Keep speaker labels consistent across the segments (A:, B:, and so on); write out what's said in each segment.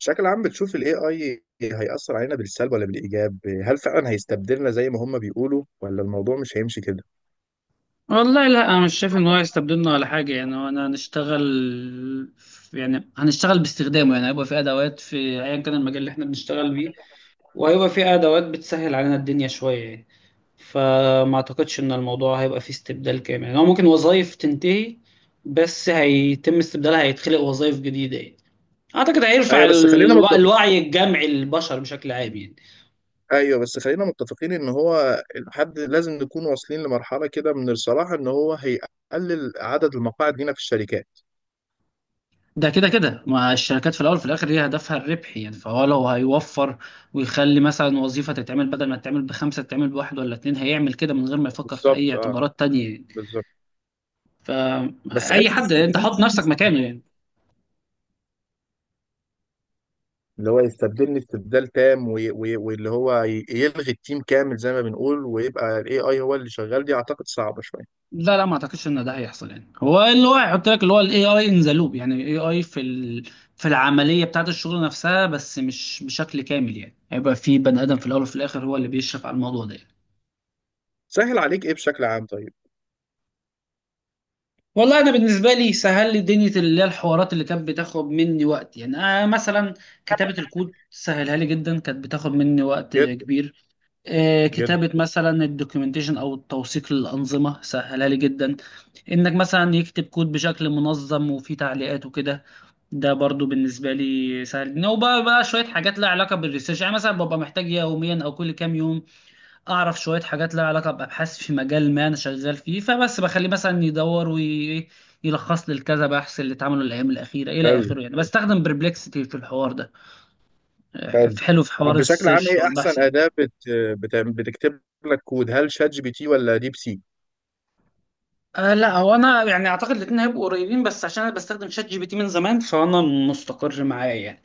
A: بشكل عام بتشوف ال AI هيأثر علينا بالسلب ولا بالإيجاب؟ هل فعلا هيستبدلنا زي ما هم بيقولوا ولا الموضوع مش هيمشي كده؟
B: والله لا انا مش شايف ان هو يستبدلنا ولا حاجه. يعني هو انا هنشتغل يعني هنشتغل باستخدامه، يعني هيبقى في ادوات في ايا كان المجال اللي احنا بنشتغل بيه، وهيبقى في ادوات بتسهل علينا الدنيا شويه يعني. فما اعتقدش ان الموضوع هيبقى فيه استبدال كامل، يعني هو ممكن وظائف تنتهي بس هيتم استبدالها، هيتخلق وظائف جديده يعني. اعتقد هيرفع
A: أيوه بس خلينا متفق...
B: الوعي الجمعي للبشر بشكل عام يعني.
A: أيوه بس خلينا متفقين إن هو الحد لازم نكون واصلين لمرحلة كده من الصراحة إن هو هيقلل عدد المقاعد لينا في الشركات.
B: ده كده كده ما الشركات في الاول في الاخر هي هدفها الربح، يعني فهو لو هيوفر ويخلي مثلا وظيفه تتعمل بدل ما تتعمل بخمسه تتعمل بواحد ولا اتنين، هيعمل كده من غير ما يفكر في اي
A: بالظبط، أه،
B: اعتبارات تانية يعني.
A: بالظبط. بس
B: فاي
A: حتة
B: حد انت
A: استبدال
B: حط
A: تام دي
B: نفسك
A: بصراحة،
B: مكانه يعني.
A: اللي هو يستبدلني استبدال تام وي... وي... واللي هو يلغي التيم كامل زي ما بنقول ويبقى ال AI هو اللي شغال دي أعتقد صعبة شوية.
B: لا لا، ما اعتقدش ان ده هيحصل، يعني هو اللي هو هيحط لك اللي هو الاي اي ان ذا لوب، يعني الاي اي في العمليه بتاعت الشغل نفسها، بس مش بشكل كامل يعني، هيبقى في بني ادم في الاول وفي الاخر هو اللي بيشرف على الموضوع ده.
A: سهل عليك إيه بشكل عام طيب؟
B: والله انا بالنسبه لي سهل لي دنيا اللي هي الحوارات اللي كانت بتاخد مني وقت، يعني انا مثلا كتابه الكود سهلها لي جدا، كانت بتاخد مني وقت
A: جدا.
B: كبير.
A: جدا.
B: كتابه مثلا الدوكيومنتيشن او التوثيق للانظمه سهلها لي جدا. انك مثلا يكتب كود بشكل منظم وفيه تعليقات وكده، ده برضو بالنسبه لي سهل. إن هو بقى شويه حاجات لها علاقه بالريسيرش، يعني مثلا ببقى محتاج يوميا او كل كام يوم اعرف شويه حاجات لها علاقه بابحاث في مجال ما انا شغال فيه، فبس بخليه مثلا يدور ويلخص لي الكذا بحث اللي اتعملوا الايام الاخيره الى
A: حلو.
B: اخره، يعني بستخدم بربلكسيتي في الحوار ده.
A: حلو.
B: حلو في
A: طب
B: حوار
A: بشكل عام
B: السيرش
A: ايه
B: والبحث
A: احسن
B: يعني.
A: اداة بتكتب لك كود، هل شات جي بي تي ولا ديب سيك؟
B: لا، هو انا يعني اعتقد الاثنين هيبقوا قريبين، بس عشان انا بستخدم شات جي بي تي من زمان فانا مستقر معاه يعني.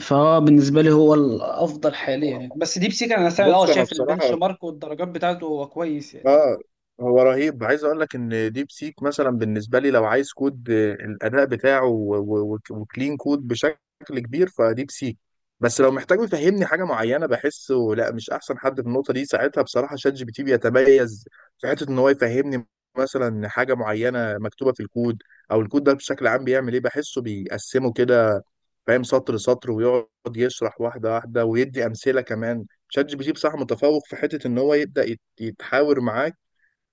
B: فهو بالنسبه لي هو الافضل حاليا يعني، بس ديب سيك انا
A: بص انا
B: شايف البنش
A: بصراحة،
B: مارك والدرجات بتاعته هو كويس يعني.
A: اه، هو رهيب. عايز اقول لك ان ديب سيك مثلا بالنسبه لي لو عايز كود، الاداء بتاعه و- و- وك- وكلين كود بشكل كبير فديب سيك. بس لو محتاج يفهمني حاجه معينه بحسه لا، مش احسن حد في النقطه دي. ساعتها بصراحه شات جي بي تي بيتميز في حته ان هو يفهمني مثلا حاجه معينه مكتوبه في الكود، او الكود ده بشكل عام بيعمل ايه. بحسه بيقسمه كده، فاهم سطر سطر ويقعد يشرح واحده واحده ويدي امثله. كمان شات جي بي تي بصراحه متفوق في حته ان هو يبدا يتحاور معاك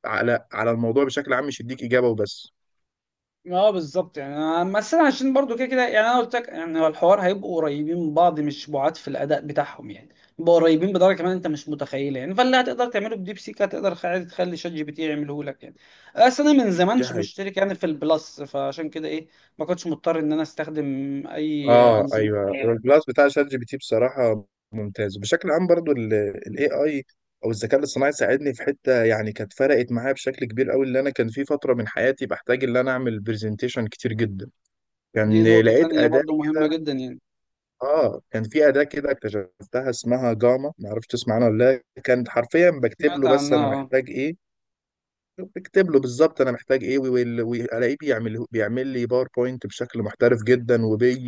A: على على الموضوع بشكل عام، مش يديك اجابه وبس.
B: اه بالظبط يعني. بس انا عشان برضو كده كده، يعني انا قلت لك يعني هو الحوار هيبقوا قريبين من بعض مش بعاد في الاداء بتاعهم يعني، يبقوا قريبين بدرجه كمان انت مش متخيله يعني. فاللي هتقدر تعمله بديب سيك هتقدر عادي تخلي شات جي بي تي يعمله لك يعني. بس انا من زمان
A: دي
B: مش
A: حقيقة.
B: مشترك يعني في البلس، فعشان كده ايه، ما كنتش مضطر ان انا استخدم اي
A: اه،
B: انظمه
A: ايوه
B: تانية.
A: البلاس بتاع شات جي بي تي بصراحه ممتاز. بشكل عام برضو الاي اي او الذكاء الاصطناعي ساعدني في حته يعني كانت فرقت معايا بشكل كبير قوي. اللي انا كان في فتره من حياتي بحتاج ان انا اعمل برزنتيشن كتير جدا،
B: دي
A: يعني
B: نقطه
A: لقيت
B: تانية
A: اداه
B: برضو مهمه
A: كده.
B: جدا يعني.
A: اه، كان في اداه كده اكتشفتها اسمها جاما، ما اعرفش تسمع عنها ولا لا. كانت حرفيا بكتب
B: سمعت
A: له بس
B: عنها
A: انا
B: آه.
A: محتاج ايه، بكتب له بالظبط انا محتاج ايه وال- والاقيه بيعمل لي باوربوينت بشكل محترف جدا، وبي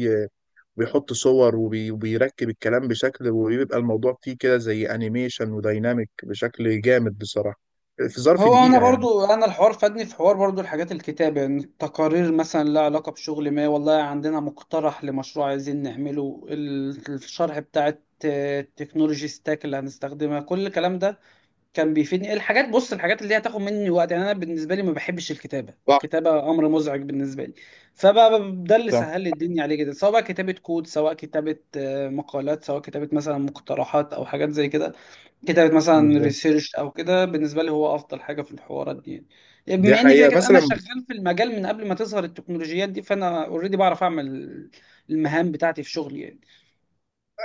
A: بيحط صور وبي- وبيركب الكلام بشكل، وبيبقى الموضوع فيه كده زي انيميشن وديناميك بشكل جامد بصراحة، في ظرف
B: هو انا
A: دقيقة يعني.
B: برضو انا الحوار فادني في حوار برضو الحاجات الكتابة، يعني تقارير مثلا لها علاقة بشغل، ما والله عندنا مقترح لمشروع عايزين نعمله الشرح بتاع التكنولوجي ستاك اللي هنستخدمها، كل الكلام ده كان بيفيدني. الحاجات، بص الحاجات اللي هي هتاخد مني وقت يعني انا بالنسبة لي ما بحبش الكتابة،
A: صح.
B: الكتابة امر مزعج بالنسبة لي. فبقى ده اللي
A: صح.
B: سهل لي الدنيا عليه جدا، سواء بقى كتابة كود، سواء كتابة مقالات، سواء كتابة مثلا مقترحات او حاجات زي كده، كتابة مثلا
A: بالظبط.
B: ريسيرش أو كده. بالنسبة لي هو أفضل حاجة في الحوارات دي يعني. يعني
A: دي
B: بما إن كده
A: حقيقة.
B: كده أنا
A: مثلا
B: شغال في المجال من قبل ما تظهر التكنولوجيات دي، فأنا أوريدي بعرف أعمل المهام بتاعتي في شغلي يعني.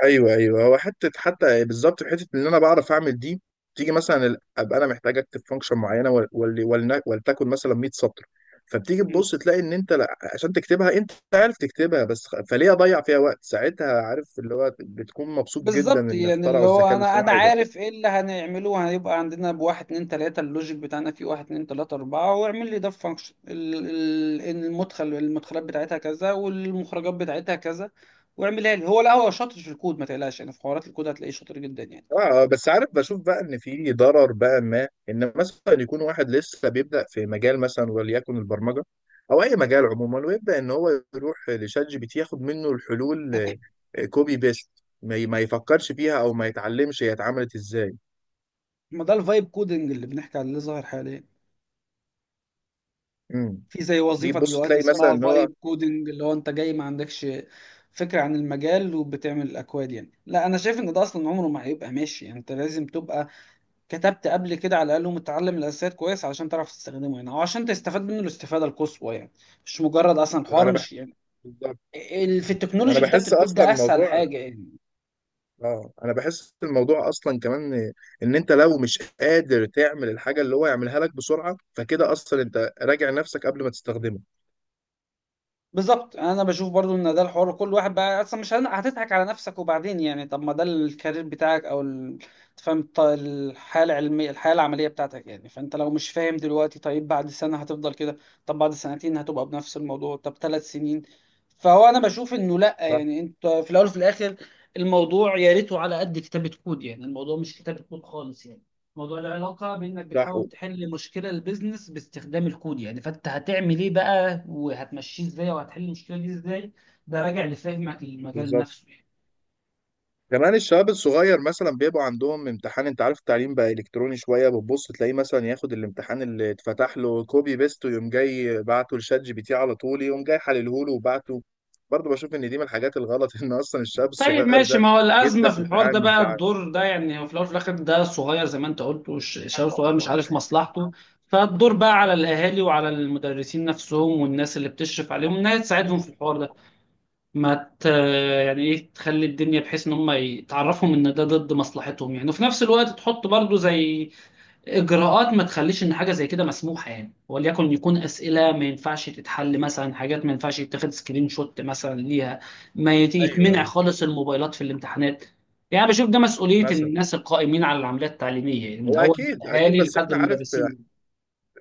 A: ايوه ايوه، هو حته حتى بالظبط في حته ان انا بعرف اعمل دي. تيجي مثلا ابقى انا محتاج اكتب فانكشن معينه وال- وال- ولن- ولتكن مثلا 100 سطر. فبتيجي
B: مم.
A: تبص تلاقي ان انت لا، عشان تكتبها انت عارف تكتبها، بس فليه اضيع فيها وقت؟ ساعتها عارف اللي هو بتكون مبسوط جدا
B: بالظبط
A: ان
B: يعني اللي
A: اخترعوا
B: هو
A: الذكاء
B: انا
A: الاصطناعي ده.
B: عارف ايه اللي هنعمله، هيبقى عندنا بواحد اتنين تلاته اللوجيك بتاعنا فيه واحد اتنين تلاته اربعه، واعمل لي ده فانكشن، المدخل المدخلات بتاعتها كذا والمخرجات بتاعتها كذا واعملها لي. هو لا، هو شاطر في الكود ما تقلقش، يعني في حوارات الكود هتلاقيه شاطر جدا يعني.
A: اه، بس عارف بشوف بقى ان في ضرر بقى، ما ان مثلا يكون واحد لسه بيبدا في مجال مثلا وليكن البرمجه او اي مجال عموما، ويبدا ان هو يروح لشات جي بي تي ياخد منه الحلول، كوبي بيست، ما يفكرش فيها او ما يتعلمش هي اتعملت ازاي.
B: ما ده الفايب كودنج اللي بنحكي عليه اللي ظاهر حاليا.
A: امم
B: في زي
A: دي
B: وظيفة
A: بص
B: دلوقتي
A: تلاقي مثلا
B: اسمها
A: ان هو
B: فايب كودنج، اللي هو انت جاي ما عندكش فكرة عن المجال وبتعمل الاكواد يعني. لا انا شايف ان ده اصلا عمره ما هيبقى ماشي، يعني انت لازم تبقى كتبت قبل كده على الاقل ومتعلم الاساسيات كويس علشان تعرف تستخدمه يعني، او عشان تستفاد منه الاستفادة القصوى يعني. مش مجرد اصلا حوار،
A: انا بح...
B: مش يعني
A: بالظبط.
B: في
A: انا
B: التكنولوجي كتابة
A: بحس
B: الكود
A: اصلا
B: ده اسهل
A: الموضوع،
B: حاجة يعني.
A: اه، انا بحس الموضوع اصلا كمان ان إن انت لو مش قادر تعمل الحاجه اللي هو يعملها لك بسرعه، فكده اصلا انت راجع نفسك قبل ما تستخدمه.
B: بالظبط. يعني انا بشوف برضو ان ده الحوار كل واحد بقى اصلا مش هتضحك على نفسك وبعدين، يعني طب ما ده الكارير بتاعك او تفهم الحياه العلميه الحياه العمليه بتاعتك يعني. فانت لو مش فاهم دلوقتي طيب بعد سنه هتفضل كده، طب بعد سنتين هتبقى بنفس الموضوع، طب 3 سنين. فهو انا بشوف انه لا يعني، انت في الاول وفي الاخر الموضوع يا ريته على قد كتابة كود يعني، الموضوع مش كتابة كود خالص يعني. موضوع العلاقة بإنك
A: صح.
B: بتحاول تحل مشكلة البيزنس باستخدام الكود يعني، فأنت هتعمل إيه بقى وهتمشيه إزاي وهتحل المشكلة دي إزاي. ده راجع لفهمك للمجال
A: بالظبط.
B: نفسه يعني.
A: كمان الشباب الصغير مثلا بيبقوا عندهم امتحان، انت عارف التعليم بقى الكتروني شويه، بتبص تلاقيه مثلا ياخد الامتحان اللي اتفتح له كوبي بيست ويقوم جاي بعته لشات جي بي تي على طول، يقوم جاي حلله له وبعته. برضه بشوف ان دي من الحاجات الغلط ان اصلا الشاب
B: طيب
A: الصغير
B: ماشي،
A: ده
B: ما هو الأزمة
A: يبدا
B: في الحوار ده
A: يتعامل
B: بقى
A: معاه.
B: الدور ده، يعني هو في الأول وفي الآخر ده صغير زي ما أنت قلت، شباب صغير مش عارف مصلحته. فالدور بقى على الأهالي وعلى المدرسين نفسهم والناس اللي بتشرف عليهم إنها تساعدهم في الحوار ده. ما ت... يعني ايه تخلي الدنيا بحيث ان هم يتعرفوا ان ده ضد مصلحتهم يعني، وفي نفس الوقت تحط برضو زي اجراءات ما تخليش ان حاجه زي كده مسموحه يعني، وليكن يكون اسئله ما ينفعش تتحل، مثلا حاجات ما ينفعش يتاخد سكرين شوت مثلا ليها، ما يت-
A: ايوه،
B: يتمنع
A: ايوه،
B: خالص الموبايلات في الامتحانات. يعني بشوف ده مسؤوليه
A: مثلا
B: الناس القائمين على العمليات التعليميه، يعني من
A: هو
B: اول
A: اكيد اكيد،
B: الاهالي
A: بس
B: لحد
A: احنا عارف
B: المدرسين.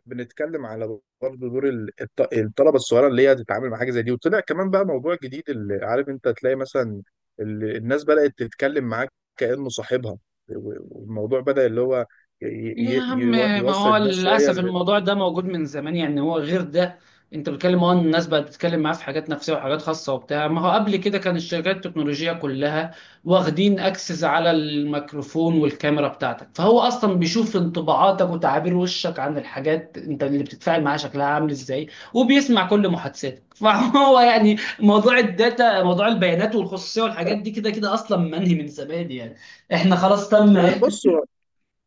A: بنتكلم على برضه دور الطلبه الصغيره اللي هي تتعامل مع حاجه زي دي. وطلع كمان بقى موضوع جديد، اللي عارف انت تلاقي مثلا الناس بدات تتكلم معاك كانه صاحبها، و- والموضوع بدا اللي هو ي-
B: يا عم ما
A: يوصل
B: هو
A: الناس شويه
B: للأسف الموضوع ده موجود من زمان، يعني هو غير ده. انت بتتكلم إن الناس بقت بتتكلم معاه في حاجات نفسية وحاجات خاصة وبتاع، ما هو قبل كده كان الشركات التكنولوجية كلها واخدين اكسس على الميكروفون والكاميرا بتاعتك، فهو اصلا بيشوف انطباعاتك وتعابير وشك عن الحاجات انت اللي بتتفاعل معاها شكلها عامل ازاي، وبيسمع كل محادثاتك فهو يعني موضوع الداتا، موضوع البيانات والخصوصية والحاجات دي كده كده اصلا منهي من زمان يعني. احنا خلاص تم.
A: لا بص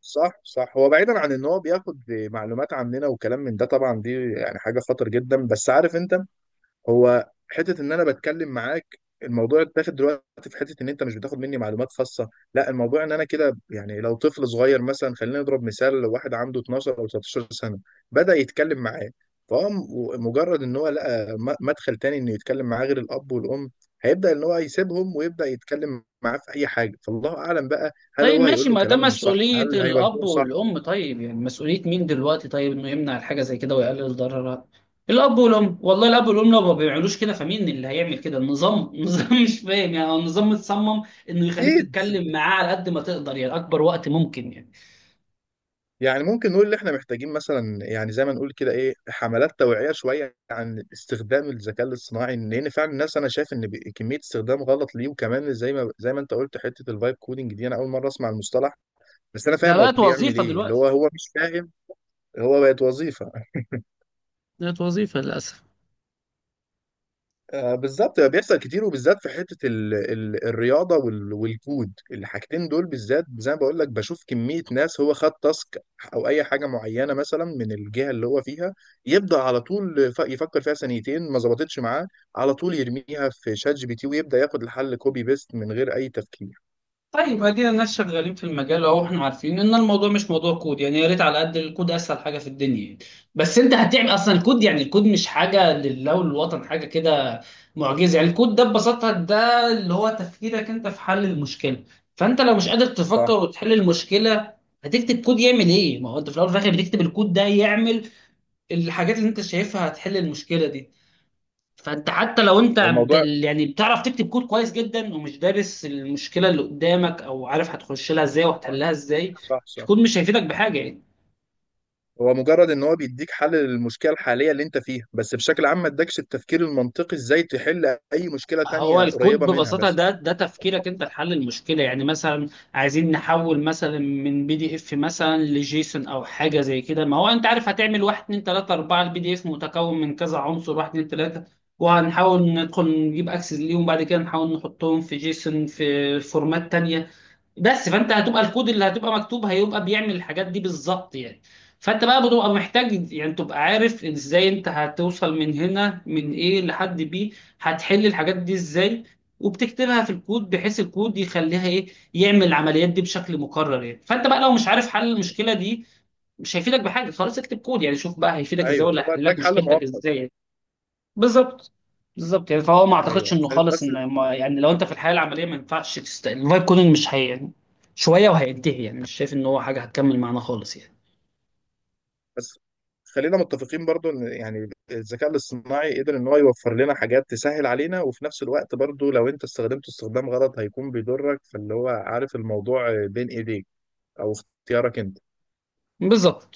A: صح، صح. هو بعيدا عن ان هو بياخد معلومات عننا وكلام من ده، طبعا دي يعني حاجه خطر جدا، بس عارف انت، هو حته ان انا بتكلم معاك الموضوع اتاخد دلوقتي في حته ان انت مش بتاخد مني معلومات خاصه لا، الموضوع ان انا كده يعني لو طفل صغير مثلا، خلينا نضرب مثال، لو واحد عنده 12 او 13 سنه بدا يتكلم معاه، فهو مجرد ان هو لقى مدخل تاني انه يتكلم معاه غير الاب والام هيبدا ان هو يسيبهم ويبدا يتكلم معاه في اي حاجه. فالله اعلم بقى، هل
B: طيب
A: هو هيقول
B: ماشي
A: له
B: ما ده
A: كلام صح؟
B: مسؤولية
A: هل
B: الأب
A: هيوجهه صح؟
B: والأم، طيب يعني مسؤولية مين دلوقتي طيب إنه يمنع الحاجة زي كده ويقلل ضررها؟ الأب والأم، والله الأب والأم لو ما بيعملوش كده فمين اللي هيعمل كده؟ النظام النظام مش فاهم يعني. هو النظام متصمم إنه يخليك
A: اكيد.
B: تتكلم معاه على قد ما تقدر يعني، أكبر وقت ممكن يعني.
A: يعني ممكن نقول ان احنا محتاجين مثلا، يعني زي ما نقول كده، ايه، حملات توعية شوية عن استخدام الذكاء الاصطناعي، لان فعلا الناس انا شايف ان كمية استخدام غلط ليه. وكمان زي ما انت قلت حتة الفايب كودنج دي انا اول مرة اسمع المصطلح، بس انا
B: ده
A: فاهم هو
B: بقت
A: بيعمل
B: وظيفة
A: ايه، اللي هو
B: دلوقتي،
A: مش فاهم هو بقت وظيفة.
B: بقت وظيفة للأسف.
A: بالظبط، بيحصل كتير وبالذات في حته ال ال الرياضه والكود، الحاجتين دول بالذات زي ما بقول لك. بشوف كميه ناس هو خد تاسك او اي حاجه معينه مثلا من الجهه اللي هو فيها، يبدا على طول يفكر فيها ثانيتين ما ظبطتش معاه، على طول يرميها في شات جي بي تي ويبدا ياخد الحل كوبي بيست من غير اي تفكير.
B: طيب ادينا الناس شغالين في المجال، اهو احنا عارفين ان الموضوع مش موضوع كود يعني، يا ريت على قد الكود اسهل حاجه في الدنيا يعني. بس انت هتعمل اصلا الكود، يعني الكود مش حاجه لله وللوطن، حاجه كده معجزه يعني. الكود ده ببساطه ده اللي هو تفكيرك انت في حل المشكله. فانت لو مش قادر
A: صح،
B: تفكر وتحل المشكله هتكتب كود يعمل ايه؟ ما هو انت في الاول وفي الاخر بتكتب الكود ده يعمل الحاجات اللي انت شايفها هتحل المشكله دي. فانت حتى لو انت
A: الموضوع
B: يعني بتعرف تكتب كود كويس جدا ومش دارس المشكله اللي قدامك او عارف هتخش لها ازاي وهتحلها ازاي،
A: صح. صح.
B: الكود مش هيفيدك بحاجه يعني.
A: هو مجرد ان هو بيديك حل للمشكله الحاليه اللي انت فيها، بس بشكل عام ما ادكش التفكير المنطقي ازاي تحل اي مشكله
B: هو
A: تانية
B: الكود
A: قريبه منها.
B: ببساطه
A: بس
B: ده تفكيرك انت لحل المشكله، يعني مثلا عايزين نحول مثلا من بي دي اف مثلا لجيسون او حاجه زي كده، ما هو انت عارف هتعمل 1 2 3 4، البي دي اف متكون من كذا عنصر 1 2 3 وهنحاول ندخل نجيب اكسس ليهم، بعد كده نحاول نحطهم في جيسون في فورمات تانية بس. فانت هتبقى الكود اللي هتبقى مكتوب هيبقى بيعمل الحاجات دي بالظبط يعني. فانت بقى بتبقى محتاج يعني تبقى عارف ازاي انت هتوصل من هنا من ايه لحد بي، هتحل الحاجات دي ازاي وبتكتبها في الكود بحيث الكود يخليها ايه، يعمل العمليات دي بشكل مكرر يعني. فانت بقى لو مش عارف حل المشكلة دي مش هيفيدك بحاجة، خلاص اكتب كود يعني شوف بقى هيفيدك ازاي
A: ايوه،
B: ولا
A: هو
B: هيحل لك
A: اداك حل
B: مشكلتك
A: مؤقت.
B: ازاي يعني. بالظبط بالظبط يعني فهو ما اعتقدش
A: ايوه،
B: انه خالص،
A: بس،
B: ان يعني لو انت في الحياه العمليه ما ينفعش الفايب كودنج مش هي يعني شويه وهينتهي يعني، مش شايف ان هو حاجه هتكمل معانا خالص يعني.
A: بس خلينا متفقين برضو ان يعني الذكاء الاصطناعي قدر ان هو يوفر لنا حاجات تسهل علينا، وفي نفس الوقت برضو لو انت استخدمته استخدام غلط هيكون بيضرك. فاللي هو عارف الموضوع بين ايديك او اختيارك انت.
B: بالظبط